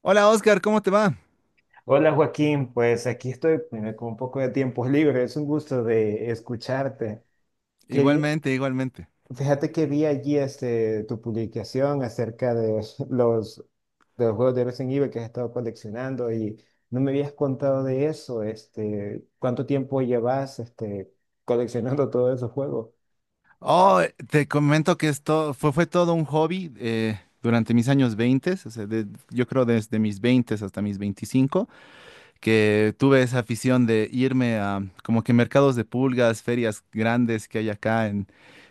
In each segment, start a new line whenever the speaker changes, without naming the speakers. Hola Oscar, ¿cómo te va?
Hola Joaquín, pues aquí estoy, con un poco de tiempos libres. Es un gusto de escucharte. Quería,
Igualmente, igualmente.
Fíjate que vi allí, tu publicación acerca de los, de los juegos de Resident Evil que has estado coleccionando. Y no me habías contado de eso. ¿Cuánto tiempo llevas, coleccionando todos esos juegos?
Oh, Te comento que esto fue todo un hobby durante mis años 20, o sea, yo creo desde mis 20 hasta mis veinticinco, que tuve esa afición de irme a como que mercados de pulgas, ferias grandes que hay acá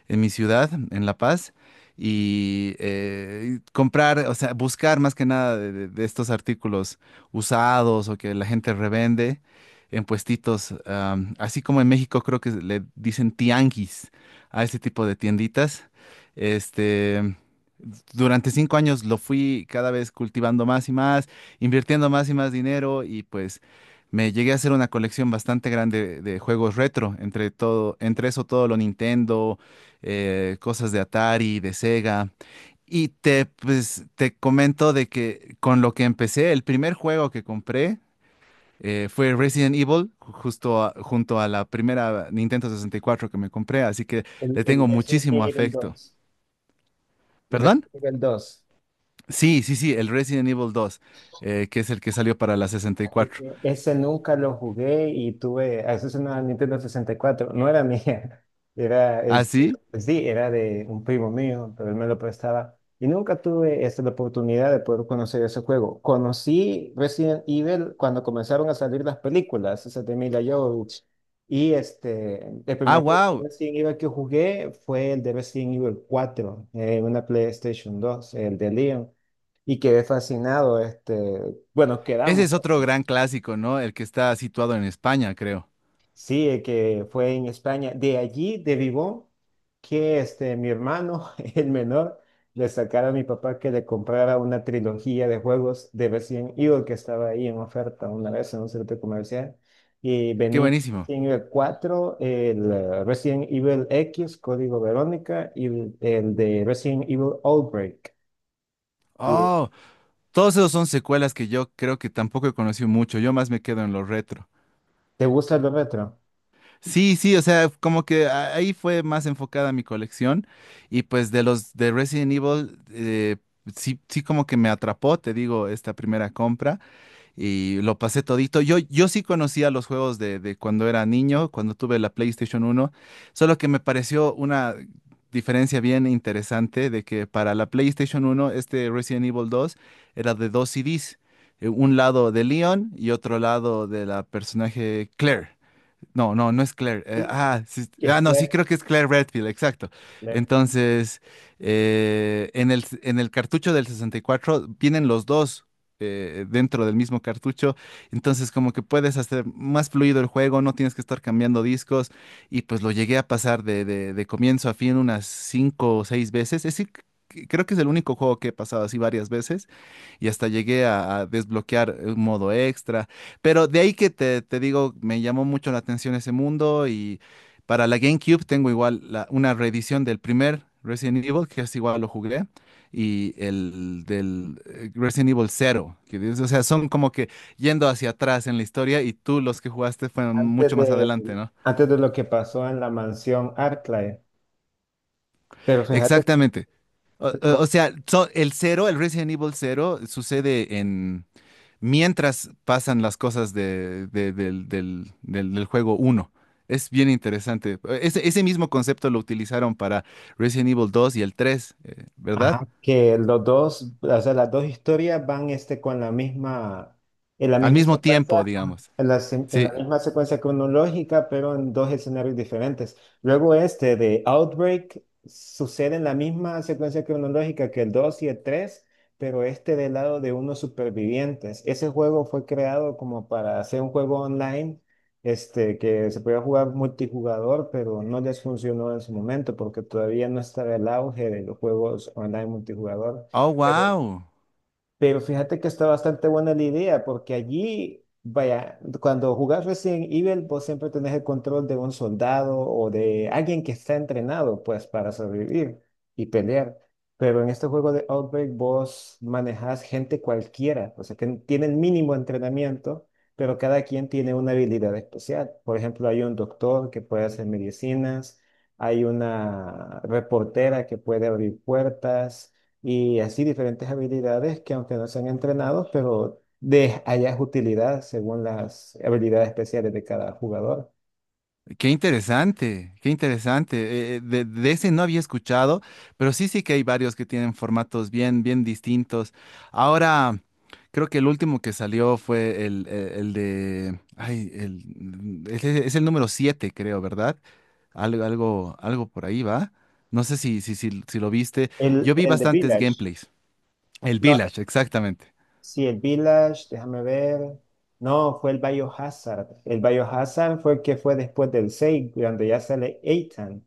en mi ciudad, en La Paz, y comprar, o sea, buscar más que nada de estos artículos usados o que la gente revende en puestitos, así como en México creo que le dicen tianguis a ese tipo de tienditas. Este, Durante cinco años lo fui cada vez cultivando más y más, invirtiendo más y más dinero y pues me llegué a hacer una colección bastante grande de juegos retro, entre todo, entre eso todo lo Nintendo, cosas de Atari, de Sega. Te comento de que con lo que empecé, el primer juego que compré fue Resident Evil, justo junto a la primera Nintendo 64 que me compré, así que
El,
le
el
tengo
de Resident
muchísimo
Evil
afecto.
2. El
¿Perdón?
Resident Evil 2.
Sí, sí, sí, el Resident Evil dos, que es el que salió para la 64.
Porque ese nunca lo jugué, a eso es una Nintendo 64. No era mía, era,
¿Ah,
es,
sí?
sí, era de un primo mío, pero él me lo prestaba. Y nunca tuve, la oportunidad de poder conocer ese juego. Conocí Resident Evil cuando comenzaron a salir las películas, esas de Mila Jovovich. Y el
Ah,
primer juego de
wow.
Resident Evil que jugué fue el de Resident Evil 4, una PlayStation 2, el de Leon, y quedé fascinado. Bueno,
Ese
quedamos.
es otro gran clásico, ¿no? El que está situado en España, creo.
Sí, que fue en España. De allí, de Vivón, que mi hermano, el menor, le sacara a mi papá que le comprara una trilogía de juegos de Resident Evil que estaba ahí en oferta una vez en un centro comercial. Y
Qué
venía
buenísimo.
Resident Evil 4, el Resident Evil X, Código Verónica, y el de Resident Evil Outbreak. Y
Oh, todos esos son secuelas que yo creo que tampoco he conocido mucho. Yo más me quedo en lo retro.
¿te gusta lo retro?
Sí, sí, o sea, como que ahí fue más enfocada mi colección. Y pues de los de Resident Evil, sí, sí, como que me atrapó, te digo, esta primera compra, y lo pasé todito. Yo sí conocía los juegos de cuando era niño, cuando tuve la PlayStation uno, solo que me pareció una diferencia bien interesante de que para la PlayStation uno este Resident Evil 2 era de dos CDs, un lado de Leon y otro lado de la personaje Claire. No, no, no es Claire.
Sí,
Sí,
que es
no, sí,
claro,
creo que es Claire Redfield, exacto.
claro.
Entonces, en en el cartucho del 64 vienen los dos, dentro del mismo cartucho. Entonces, como que puedes hacer más fluido el juego, no tienes que estar cambiando discos. Y pues lo llegué a pasar de comienzo a fin unas cinco o seis veces. Es decir, creo que es el único juego que he pasado así varias veces, y hasta llegué a desbloquear un modo extra. Pero de ahí que te digo, me llamó mucho la atención ese mundo, y para la GameCube tengo igual una reedición del primer Resident Evil, que es igual lo jugué, y el del Resident Evil cero que dices, o sea, son como que yendo hacia atrás en la historia, y tú los que jugaste fueron
Antes
mucho más
de,
adelante, ¿no?
antes de lo que pasó en la mansión Arclight. Pero fíjate,
Exactamente. O
pero,
sea, el cero, el Resident Evil cero, sucede en mientras pasan las cosas del juego uno. Es bien interesante. Ese mismo concepto lo utilizaron para Resident Evil 2 y el 3, ¿verdad?
ajá, que los dos, o sea, las dos historias van, con la misma, en la
Al
misma
mismo tiempo,
secuencia, ajá,
digamos.
en la, se- en
Sí.
la misma secuencia cronológica, pero en dos escenarios diferentes. Luego este de Outbreak sucede en la misma secuencia cronológica que el 2 y el 3, pero este del lado de unos supervivientes. Ese juego fue creado como para hacer un juego online, que se podía jugar multijugador, pero no les funcionó en su momento porque todavía no estaba el auge de los juegos online multijugador.
Oh,
Pero
wow.
pero fíjate que está bastante buena la idea, porque allí, vaya, cuando jugás Resident Evil, vos siempre tenés el control de un soldado o de alguien que está entrenado, pues, para sobrevivir y pelear. Pero en este juego de Outbreak, vos manejás gente cualquiera, o sea, que tiene el mínimo entrenamiento, pero cada quien tiene una habilidad especial. Por ejemplo, hay un doctor que puede hacer medicinas, hay una reportera que puede abrir puertas, y así diferentes habilidades que aunque no sean entrenados, pero de allá es utilidad según las habilidades especiales de cada jugador.
Qué interesante, qué interesante. De ese no había escuchado, pero sí, sí que hay varios que tienen formatos bien, bien distintos. Ahora, creo que el último que salió fue el de, ay, el, es, e, es el número 7, creo, ¿verdad? Algo, algo, algo por ahí va. No sé si lo viste.
El,
Yo vi
el de
bastantes
Village.
gameplays. El
No,
Village, exactamente.
sí, el Village, déjame ver. No, fue el Biohazard. El Biohazard fue el que fue después del 6 cuando ya sale Ethan.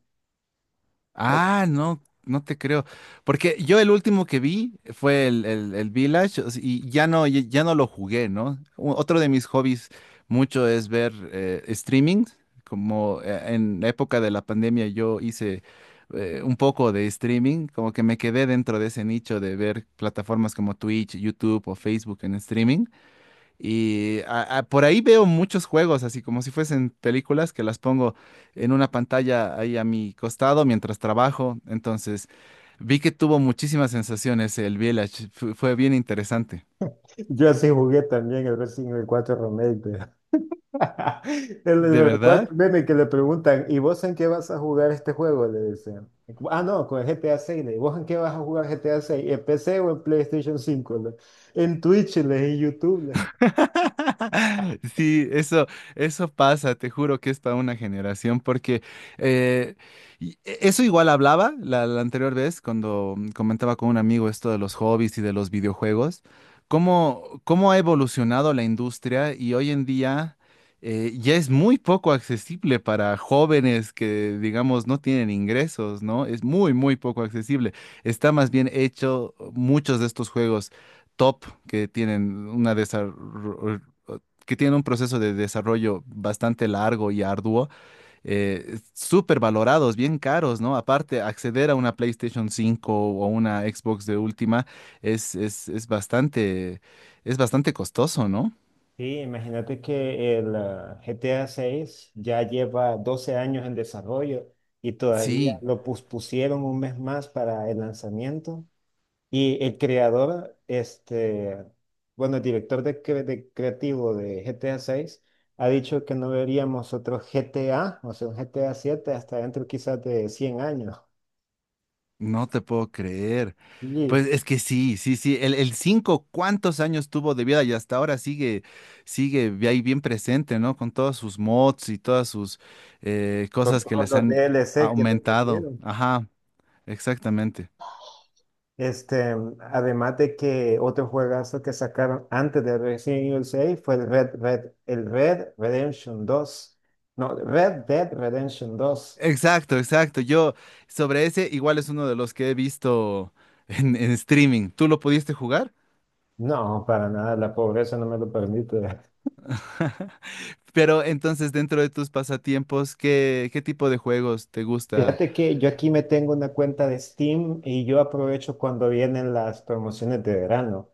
O-
Ah, no, no te creo. Porque yo el último que vi fue el Village, o sea, y ya no, ya ya no lo jugué, ¿no? Otro de mis hobbies mucho es ver streaming. Como en la época de la pandemia yo hice un poco de streaming, como que me quedé dentro de ese nicho de ver plataformas como Twitch, YouTube o Facebook en streaming. Y por ahí veo muchos juegos, así como si fuesen películas, que las pongo en una pantalla ahí a mi costado mientras trabajo. Entonces, vi que tuvo muchísimas sensaciones el Village. Fue bien interesante.
Yo así jugué también el Resident Evil 4 Remake.
¿De
Recuerda
verdad?
el meme que le preguntan, ¿y vos en qué vas a jugar este juego? Le dicen. Ah, no, con el GTA 6. Le digo, ¿vos en qué vas a jugar GTA 6? ¿En PC o en PlayStation 5? Le. ¿En Twitch? Le. ¿En YouTube? Le.
Sí, eso pasa, te juro que es para una generación, porque eh, eso igual hablaba la anterior vez cuando comentaba con un amigo esto de los hobbies y de los videojuegos, cómo, cómo ha evolucionado la industria, y hoy en día ya es muy poco accesible para jóvenes que, digamos, no tienen ingresos, ¿no? Es muy, muy poco accesible. Está más bien hecho muchos de estos juegos top que tienen una que tienen un proceso de desarrollo bastante largo y arduo, súper valorados, bien caros, ¿no? Aparte, acceder a una PlayStation cinco o una Xbox de última es, es, es bastante, es bastante costoso, ¿no?
Sí, imagínate que GTA 6 ya lleva 12 años en desarrollo, y todavía
Sí.
lo pospusieron un mes más para el lanzamiento. Y el director de creativo de GTA 6 ha dicho que no veríamos otro GTA, o sea, un GTA 7 hasta dentro quizás de 100 años.
No te puedo creer.
Y
Pues es que sí, sí, sí. El 5, ¿cuántos años tuvo de vida? Y hasta ahora sigue, ahí bien presente, ¿no? Con todos sus mods y todas sus
con
cosas que
todos
les
los
han
DLC que le
aumentado.
metieron.
Ajá, exactamente.
Este, Además de que otro juegazo que sacaron antes de Resident Evil 6 fue el Red Redemption 2. No, Red Dead Redemption 2.
Exacto, exacto. Yo sobre ese igual es uno de los que he visto en streaming. ¿Tú lo pudiste jugar?
No, para nada, la pobreza no me lo permite.
Pero entonces dentro de tus pasatiempos, ¿qué, qué tipo de juegos te gusta?
Fíjate que yo aquí me tengo una cuenta de Steam, y yo aprovecho cuando vienen las promociones de verano.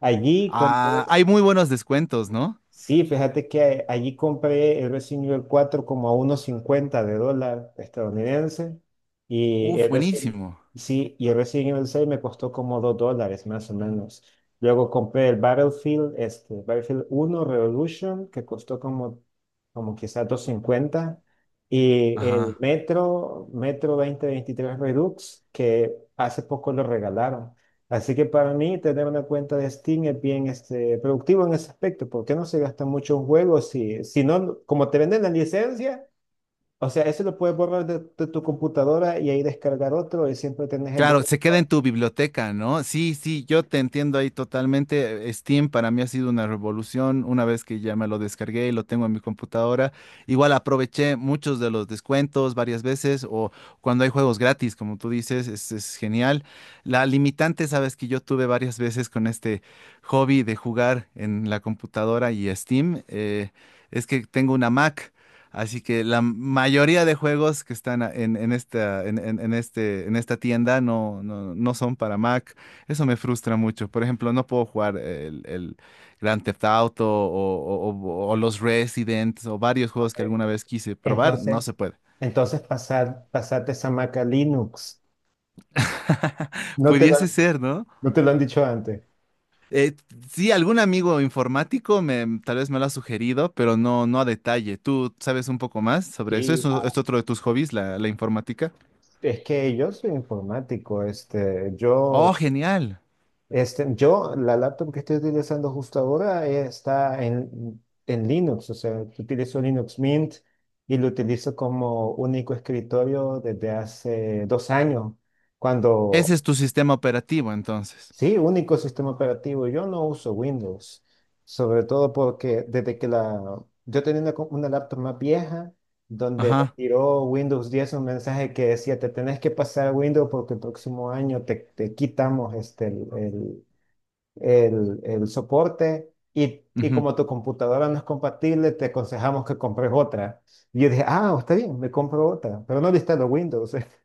Allí compro.
Ah, hay muy buenos descuentos, ¿no?
Sí, fíjate que allí compré el Resident Evil cuatro como a 1,50 de dólar estadounidense, y
Uf,
el Resident,
buenísimo.
sí, y el Resident Evil 6 me costó como $2 más o menos. Luego compré el Battlefield, Battlefield 1 Revolution, que costó como, como quizás 2,50, y el
Ajá.
Metro, Metro 2023 Redux, que hace poco lo regalaron. Así que para mí tener una cuenta de Steam es bien, productivo en ese aspecto, porque no se gastan muchos juegos, si no, como te venden la licencia, o sea, eso lo puedes borrar de tu computadora, y ahí descargar otro, y siempre tenés el de...
Claro, se queda en tu biblioteca, ¿no? Sí, sí, yo te entiendo ahí totalmente. Steam para mí ha sido una revolución. Una vez que ya me lo descargué y lo tengo en mi computadora, igual aproveché muchos de los descuentos varias veces, o cuando hay juegos gratis, como tú dices, es genial. La limitante, sabes que yo tuve varias veces con este hobby de jugar en la computadora y Steam, es que tengo una Mac. Así que la mayoría de juegos que están en este, en esta tienda no son para Mac. Eso me frustra mucho. Por ejemplo, no puedo jugar el Grand Theft Auto o los Resident o varios juegos que alguna vez quise probar. No se
Entonces,
puede.
entonces, pasarte esa maca Linux. No te lo,
Pudiese
han-
ser, ¿no?
no te lo han dicho antes.
Eh, sí, algún amigo informático me, tal vez me lo ha sugerido, pero no, no a detalle. ¿Tú sabes un poco más sobre eso?
Sí,
¿Eso es otro de tus hobbies, la informática?
es que yo soy informático. este,
Oh,
yo
genial.
Este, yo, la laptop que estoy utilizando justo ahora, está en Linux, o sea, utilizo Linux Mint, y lo utilizo como único escritorio desde hace 2 años, cuando,
Ese es tu sistema operativo, entonces.
sí, único sistema operativo. Yo no uso Windows, sobre todo porque yo tenía una laptop más vieja, donde me
Ajá.
tiró Windows 10 un mensaje que decía, te tenés que pasar a Windows porque el próximo año te quitamos, el soporte, y
Ujú.
como tu computadora no es compatible, te aconsejamos que compres otra. Y yo dije, ah, está bien, me compro otra, pero no los Windows.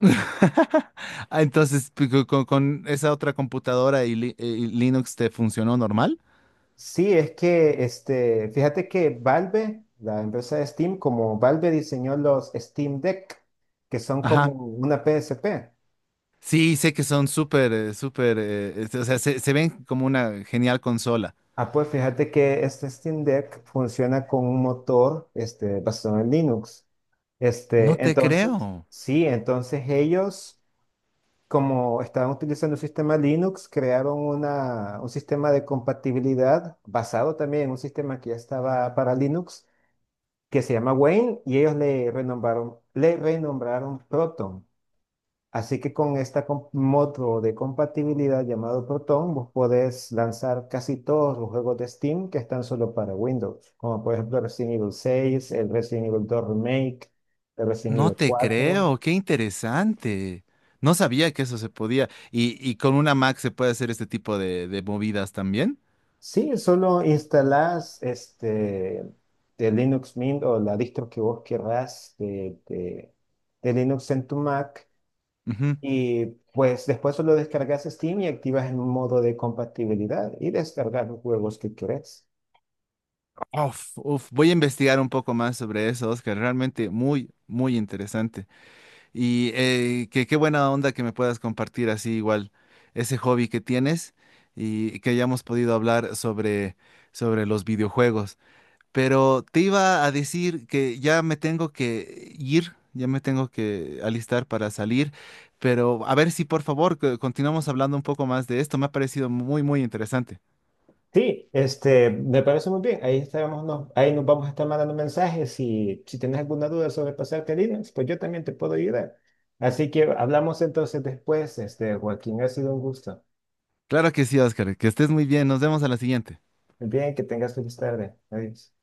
Ah, entonces, con esa otra computadora y, y Linux te funcionó normal.
Sí, es que, fíjate que Valve, la empresa de Steam, como Valve diseñó los Steam Deck, que son como
Ajá.
una PSP.
Sí, sé que son súper, súper, o sea, se ven como una genial consola.
Ah, pues fíjate que este Steam Deck funciona con un motor, basado en Linux.
No te
Entonces,
creo,
sí, entonces ellos, como estaban utilizando un sistema Linux, crearon un sistema de compatibilidad basado también en un sistema que ya estaba para Linux, que se llama Wayne, y ellos le renombraron Proton. Así que con este modo de compatibilidad llamado Proton, vos podés lanzar casi todos los juegos de Steam que están solo para Windows, como por ejemplo Resident Evil 6, el Resident Evil 2 Remake, el Resident
no
Evil
te
4.
creo, qué interesante. No sabía que eso se podía. Y con una Mac se puede hacer este tipo de movidas también.
Sí, solo instalás, de Linux Mint o la distro que vos querrás de Linux en tu Mac, y pues después solo descargas Steam y activas el modo de compatibilidad y descargas los juegos que querés.
Uf, uf, voy a investigar un poco más sobre eso, Oscar. Realmente muy, muy interesante. Y qué buena onda que me puedas compartir así igual ese hobby que tienes, y que hayamos podido hablar sobre, sobre los videojuegos. Pero te iba a decir que ya me tengo que ir, ya me tengo que alistar para salir. Pero a ver si por favor que continuamos hablando un poco más de esto. Me ha parecido muy, muy interesante.
Sí, me parece muy bien. Ahí estaremos, ahí nos vamos a estar mandando mensajes, y si tienes alguna duda sobre pasarte a Linux, pues yo también te puedo ayudar. Así que hablamos entonces después, Joaquín. Ha sido un gusto.
Claro que sí, Oscar. Que estés muy bien. Nos vemos a la siguiente.
Bien, que tengas feliz tarde. Adiós.